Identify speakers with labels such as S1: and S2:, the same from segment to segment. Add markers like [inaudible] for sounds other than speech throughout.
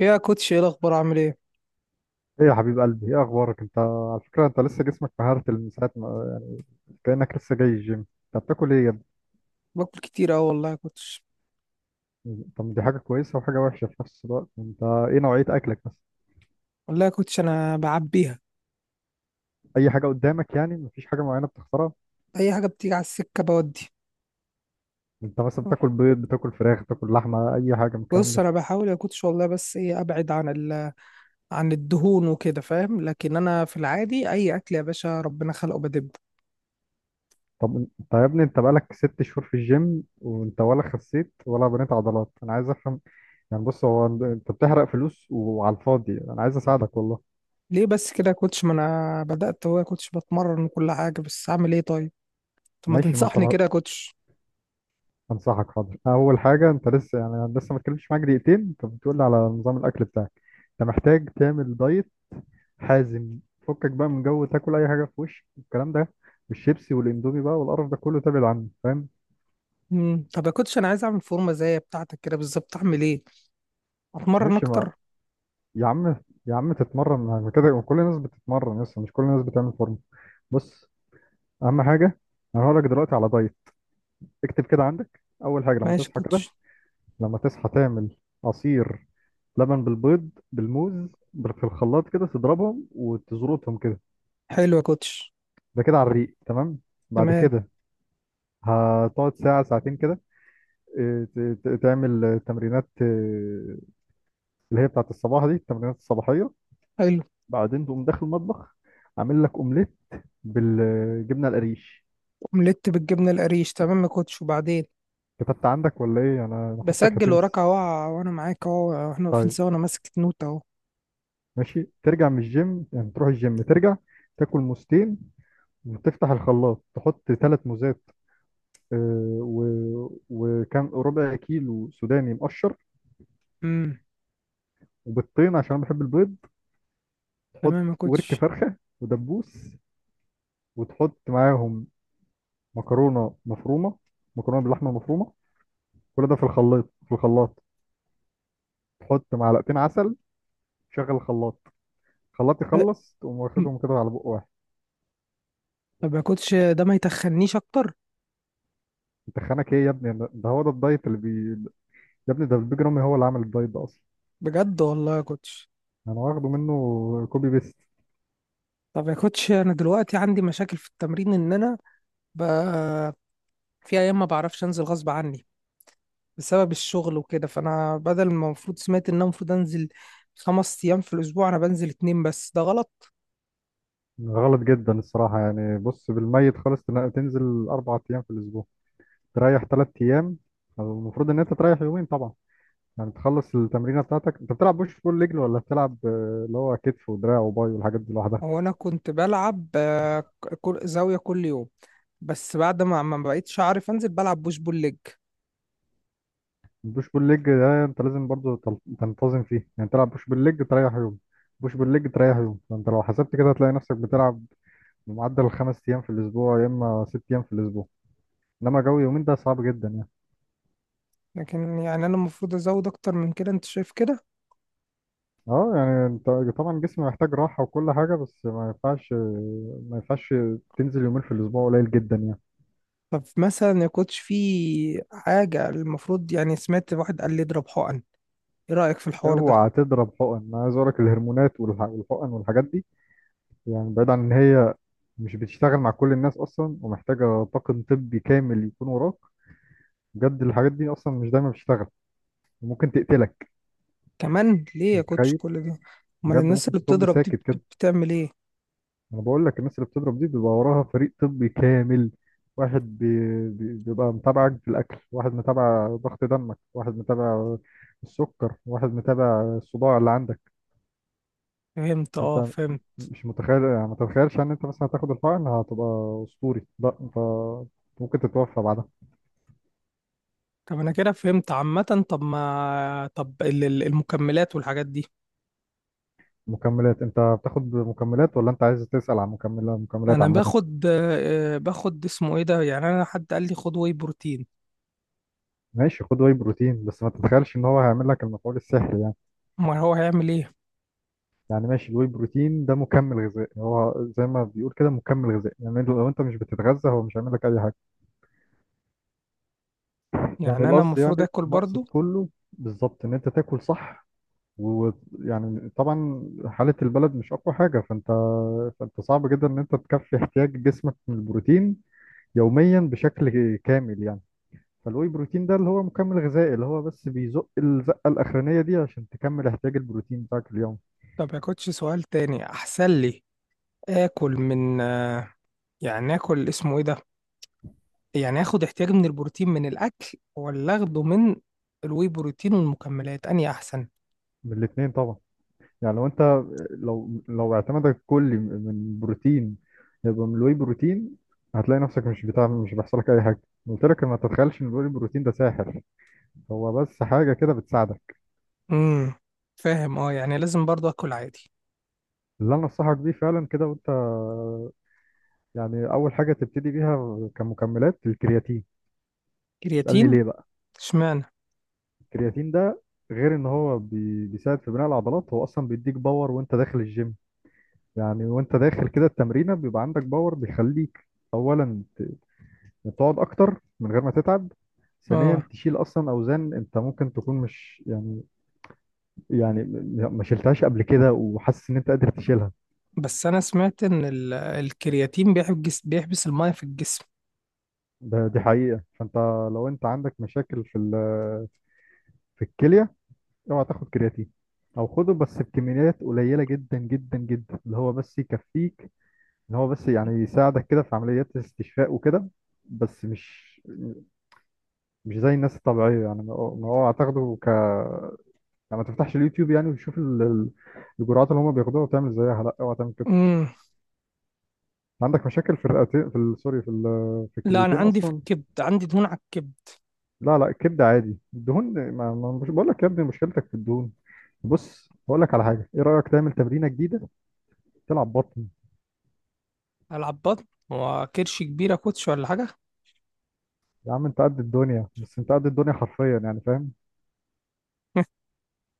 S1: ايه يا كوتش؟ ايه الاخبار؟ عامل ايه؟
S2: ايه يا حبيب قلبي، ايه اخبارك؟ انت على فكره انت لسه جسمك مهارت من ساعه ما كانك لسه جاي الجيم. انت بتاكل ايه يا
S1: باكل كتير اوي والله يا كوتش.
S2: ابني؟ طب دي حاجه كويسه وحاجه وحشه في نفس الوقت. انت ايه نوعيه اكلك بس؟
S1: والله يا كوتش، انا بعبيها.
S2: اي حاجه قدامك يعني؟ مفيش حاجه معينه بتختارها؟
S1: اي حاجه بتيجي على السكه بودي.
S2: انت مثلا بتاكل بيض، بتاكل فراخ، بتاكل لحمه، اي حاجه من الكلام
S1: بص،
S2: ده؟
S1: انا بحاول يا كوتش والله، بس ايه، ابعد عن الدهون وكده فاهم. لكن انا في العادي اي اكل يا باشا ربنا خلقه بدب.
S2: طب انت يا ابني انت بقالك ست شهور في الجيم وانت ولا خسيت ولا بنيت عضلات، انا عايز افهم. يعني بص، هو انت بتحرق فلوس وعلى الفاضي، انا عايز اساعدك والله.
S1: ليه بس كده يا كوتش؟ ما انا بدات، هو يا كوتش بتمرن وكل حاجه، بس اعمل ايه طيب؟ طب ما
S2: ماشي، ما انت
S1: تنصحني كده يا كوتش؟
S2: انصحك، حاضر. اول حاجه، انت لسه يعني أنا لسه ما اتكلمتش معاك دقيقتين انت بتقول لي على نظام الاكل بتاعك. انت محتاج تعمل دايت حازم. فكك بقى من جو تاكل اي حاجه في وشك، الكلام ده والشيبسي والاندومي بقى والقرف ده كله تبعد عنه، فاهم؟
S1: مم. طب يا كوتش، انا عايز اعمل فورمه زي بتاعتك كده بالظبط، اعمل ايه؟ اتمرن
S2: ماشي ما،
S1: اكتر؟
S2: يا عم، يا عم تتمرن، ما كده ما كل الناس بتتمرن، لسه مش كل الناس بتعمل فورمه. بص، اهم حاجه، انا هقول لك دلوقتي على دايت. اكتب كده عندك. اول حاجه لما
S1: ماشي يا
S2: تصحى كده،
S1: كوتش.
S2: لما تصحى تعمل عصير لبن بالبيض بالموز، في الخلاط كده تضربهم وتزرطهم كده.
S1: حلو يا كوتش.
S2: ده كده على الريق، تمام. بعد
S1: تمام.
S2: كده هتقعد ساعة ساعتين كده، تعمل تمرينات اللي هي بتاعت الصباح دي، التمرينات الصباحية.
S1: حلو.
S2: بعدين تقوم داخل المطبخ، عامل لك أومليت بالجبنة القريش.
S1: اومليت بالجبنه القريش، تمام يا كوتش، وبعدين؟
S2: كتبت عندك ولا إيه؟ أنا حاسك
S1: بسجل
S2: هتنسى.
S1: وراك اهو. وانا معاك اهو، احنا واقفين
S2: طيب،
S1: سوا، انا ماسك نوت اهو.
S2: ماشي. ترجع من الجيم، يعني تروح الجيم ترجع، تاكل موزتين، وتفتح الخلاط تحط ثلاث موزات، آه، و... وكان ربع كيلو سوداني مقشر،
S1: امم.
S2: وبيضتين عشان أنا بحب البيض، تحط
S1: تمام يا
S2: ورك
S1: كوتش.
S2: فرخة ودبوس، وتحط معاهم مكرونة مفرومة، مكرونة باللحمة مفرومة، كل ده في الخلاط تحط معلقتين عسل، شغل الخلاط. الخلاط
S1: أه،
S2: يخلص تقوم
S1: م-
S2: واخدهم كده على بق واحد.
S1: طب يا كوتش، ده ما يتخنيش اكتر؟
S2: انت خانك ايه يا ابني؟ ده هو ده الدايت اللي بي، يا ابني ده البيج رامي هو اللي عامل الدايت ده اصلا.
S1: بجد والله يا كوتش؟
S2: انا واخده منه كوبي بيست.
S1: طب يا كوتش، انا دلوقتي عندي مشاكل في التمرين، ان انا ب... في ايام ما بعرفش انزل غصب عني بسبب الشغل وكده، فانا بدل ما المفروض، سمعت ان انا المفروض انزل 5 ايام في الاسبوع، انا بنزل 2 بس، ده غلط.
S2: غلط جدا الصراحة. يعني بص، بالميت خالص تنزل أربع أيام في الأسبوع، تريح ثلاث ايام. أو المفروض ان انت تريح يومين طبعا، يعني تخلص التمرينه بتاعتك. انت بتلعب بوش بول ليج ولا بتلعب اللي هو كتف ودراع وباي والحاجات دي لوحدها؟
S1: هو انا كنت بلعب زاويه كل يوم، بس بعد ما بقيتش عارف انزل، بلعب بوش بول ليج.
S2: البوش بول ليج ده انت لازم برضو تنتظم فيه، يعني تلعب بوش بول ليج تريح يوم، بوش بول ليج تريح يوم، فانت لو حسبت كده هتلاقي نفسك بتلعب معدل خمس ايام في الاسبوع يا اما ست ايام في الاسبوع، انما جو يومين ده صعب جدا يعني.
S1: لكن يعني انا المفروض ازود اكتر من كده، انت شايف كده؟
S2: اه يعني انت طبعا جسمي محتاج راحه وكل حاجه، بس ما ينفعش. ما ينفعش تنزل يومين في الاسبوع، قليل جدا يعني.
S1: فمثلا ما كنتش في حاجه المفروض، يعني سمعت واحد قال لي اضرب حقن، ايه رايك في الحوار ده؟
S2: اوعى تضرب حقن، انا عايز اقولك الهرمونات والحقن والحاجات دي، يعني بعيد عن ان هي مش بتشتغل مع كل الناس اصلا، ومحتاجه طاقم طبي كامل يكون وراك. بجد الحاجات دي اصلا مش دايما بتشتغل وممكن تقتلك.
S1: كمان ليه
S2: انت
S1: يا كوتش
S2: متخيل؟
S1: كل ده؟ امال
S2: بجد
S1: الناس
S2: ممكن
S1: اللي
S2: تطب
S1: بتضرب دي
S2: ساكت كده.
S1: بتعمل ايه؟
S2: انا بقول لك، الناس اللي بتضرب دي بيبقى وراها فريق طبي كامل، واحد بيبقى متابعك في الاكل، واحد متابع ضغط دمك، واحد متابع السكر، واحد متابع الصداع اللي عندك.
S1: فهمت،
S2: انت
S1: اه، فهمت.
S2: مش متخيل يعني، ما تتخيلش ان انت مثلا هتاخد الحقن هتبقى اسطوري، لا، انت ممكن تتوفى بعدها.
S1: طب انا كده فهمت عامه. طب ما طب، المكملات والحاجات دي؟
S2: مكملات؟ انت بتاخد مكملات ولا انت عايز تسأل عن مكملة، مكملات
S1: انا
S2: عامة؟
S1: باخد اسمه ايه ده، يعني انا حد قال لي خد واي بروتين.
S2: ماشي، خد واي بروتين، بس ما تتخيلش ان هو هيعمل لك المفعول السحري يعني.
S1: ما هو هيعمل ايه؟
S2: يعني ماشي، الواي بروتين ده مكمل غذائي، هو زي ما بيقول كده، مكمل غذائي، يعني لو انت مش بتتغذى هو مش هيعمل لك اي حاجة. يعني
S1: يعني انا
S2: القصد يعني،
S1: المفروض اكل
S2: المقصد
S1: برضو؟
S2: كله بالظبط ان انت تاكل صح. ويعني طبعا حالة البلد مش أقوى حاجة، فأنت صعب جدا إن أنت تكفي احتياج جسمك من البروتين يوميا بشكل كامل يعني. فالواي بروتين ده اللي هو مكمل غذائي، اللي هو بس بيزق الزقة الأخرانية دي عشان تكمل احتياج البروتين بتاعك اليوم.
S1: ما باكلش؟ سؤال تاني احسن لي. اكل من يعني اكل اسمه ايه ده؟ يعني اخد احتياجي من البروتين من الاكل، ولا اخده من الواي بروتين والمكملات اني احسن؟
S2: من الاتنين طبعا، يعني لو أنت، لو اعتمادك كلي من بروتين، يبقى من الواي بروتين، هتلاقي نفسك مش بتعمل، مش بيحصلك أي حاجة. قلت لك ما تتخيلش إن الواي بروتين ده ساحر، هو بس حاجة كده بتساعدك.
S1: امم. فاهم، اه، يعني لازم برضو اكل عادي؟
S2: اللي انا انصحك بيه فعلا كده وانت، يعني اول حاجه تبتدي بيها كمكملات، الكرياتين. اسالني
S1: كرياتين؟
S2: ليه بقى.
S1: اشمعنى؟
S2: الكرياتين ده، غير ان هو بيساعد في بناء العضلات، هو اصلا بيديك باور وانت داخل الجيم، يعني وانت داخل كده التمرينه بيبقى عندك باور، بيخليك اولا تقعد اكتر من غير ما تتعب، ثانيا
S1: اه.
S2: تشيل اصلا اوزان انت ممكن تكون مش يعني، يعني ما شلتهاش قبل كده، وحاسس ان انت قادر تشيلها.
S1: بس انا سمعت ان الكرياتين بيحبس الميه في الجسم.
S2: ده دي حقيقه، فانت لو انت عندك مشاكل في في الكليه، اوعى تاخد كرياتين، او خده بس بكميات قليله جدا جدا جدا، اللي هو بس يكفيك، ان هو بس يعني يساعدك كده في عمليات الاستشفاء وكده، بس مش زي الناس الطبيعيه يعني. ما هو، ما هو هتاخده ك، يعني ما تفتحش اليوتيوب يعني وتشوف الجرعات اللي هم بياخدوها وتعمل زيها، لا اوعى تعمل كده.
S1: مم.
S2: عندك مشاكل في الرئتين في سوري، في في
S1: لا، انا
S2: الكليتين
S1: عندي في
S2: اصلا؟
S1: الكبد، عندي دهون على الكبد.
S2: لا لا، الكبده عادي الدهون، مش بقول لك يا ابني مشكلتك في الدهون. بص هقول لك على حاجه، ايه رايك تعمل تمرينه جديده، تلعب بطن؟
S1: العب بطن؟ هو كرش كبيره يا كوتش ولا حاجه؟
S2: يا عم انت قد الدنيا، بس انت قد الدنيا حرفيا يعني، فاهم؟
S1: [laughs]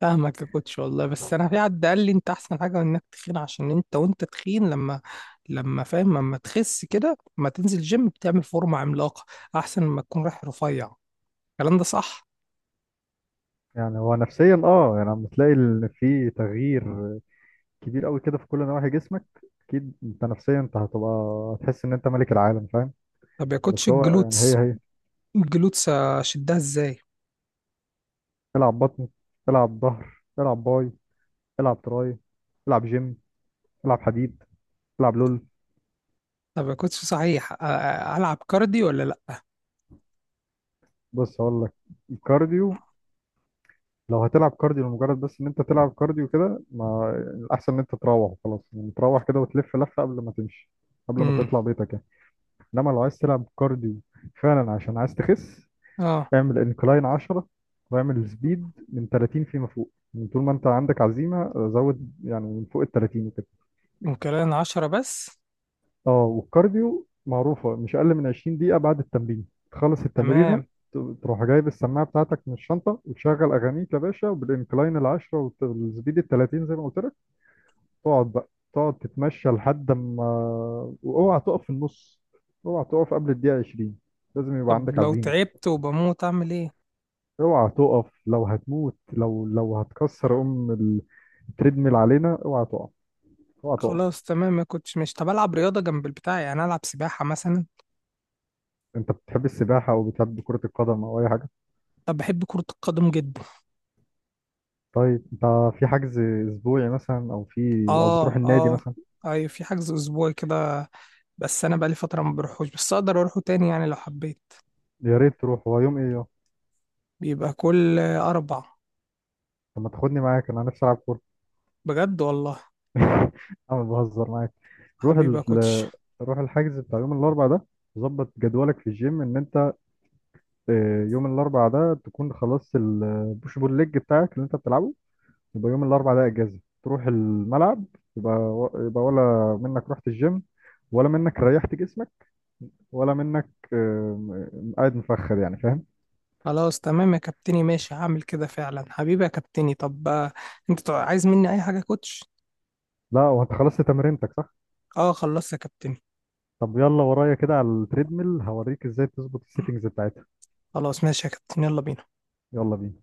S1: فاهمك يا كوتش والله، بس انا في حد قال لي انت احسن حاجه انك تخين، عشان انت وانت تخين لما فاهم، لما تخس كده، لما تنزل جيم بتعمل فورمه عملاقه، احسن ما تكون رايح رفيع. الكلام ده صح؟
S2: يعني هو نفسيا، اه يعني لما تلاقي في تغيير كبير قوي كده في كل نواحي جسمك، اكيد انت نفسيا انت هتبقى، هتحس ان انت ملك العالم، فاهم؟
S1: طب يا كوتش،
S2: بس هو يعني
S1: الجلوتس،
S2: هي
S1: الجلوتس اشدها ازاي؟
S2: العب بطن، العب ظهر، العب باي، العب تراي، العب جيم، العب حديد، العب لول.
S1: طب يا كوتش صحيح، العب كارديو ولا لا؟
S2: بص هقول لك، الكارديو لو هتلعب كارديو لمجرد بس ان انت تلعب كارديو كده، ما الاحسن ان انت تروح خلاص يعني، تروح كده وتلف لفة قبل ما تمشي، قبل ما
S1: امم.
S2: تطلع بيتك يعني. انما لو عايز تلعب كارديو فعلا عشان عايز تخس،
S1: اه.
S2: اعمل انكلاين 10، واعمل سبيد من 30 فيما فوق، يعني طول ما انت عندك عزيمه زود، يعني من فوق ال 30 وكده.
S1: ممكن 10 بس؟
S2: اه، والكارديو معروفه مش اقل من 20 دقيقه بعد التمرين، تخلص التمرينه
S1: تمام.
S2: ت- تروح جايب السماعه بتاعتك من الشنطه وتشغل اغانيك يا باشا، وبالانكلاين ال 10 والسبيد ال 30 زي ما قلت لك، تقعد بقى، تقعد تتمشى لحد ما، واوعى تقف في النص، اوعى تقف قبل الدقيقه 20، لازم يبقى
S1: طب
S2: عندك
S1: لو
S2: عزيمه.
S1: تعبت وبموت اعمل ايه؟
S2: اوعى تقف، لو هتموت، لو هتكسر ام التريدميل علينا اوعى تقف، اوعى تقف.
S1: خلاص تمام، ما كنتش مش، طب العب رياضه جنب البتاع، يعني العب سباحه مثلا؟
S2: انت بتحب السباحه او بتحب كره القدم او اي حاجه؟
S1: طب بحب كره القدم جدا.
S2: طيب انت في حجز اسبوعي مثلا، او في، او بتروح
S1: اه،
S2: النادي
S1: اه.
S2: مثلا؟
S1: ايوه، في حجز اسبوعي كده. بس انا بقالي فتره ما بروحوش، بس اقدر اروحه تاني يعني لو حبيت.
S2: يا ريت تروح، هو يوم ايه، يوم؟
S1: بيبقى كل اربع.
S2: طب ما تاخدني معاك، انا نفسي العب كوره.
S1: بجد والله.
S2: [laughs] انا بهزر معاك. روح
S1: حبيبي يا كوتش.
S2: ال... روح الحجز بتاع يوم الاربعاء ده. ظبط جدولك في الجيم ان انت يوم الاربعاء ده تكون خلصت البوش بول ليج بتاعك اللي انت بتلعبه، يبقى يوم الاربع ده اجازه تروح الملعب، يبقى، ولا منك رحت الجيم، ولا منك ريحت جسمك، ولا منك قاعد مفخد يعني، فاهم؟
S1: خلاص تمام يا كابتني، ماشي هعمل كده فعلا، حبيبي يا كابتني. طب انت عايز مني اي حاجه يا كوتش؟
S2: لا هو انت خلصت تمرينتك صح؟
S1: اه، خلصت يا كابتني.
S2: طب يلا ورايا كده على التريدميل هوريك ازاي تظبط السيتنجز بتاعتها.
S1: خلاص ماشي يا كابتن، يلا بينا.
S2: يلا بينا.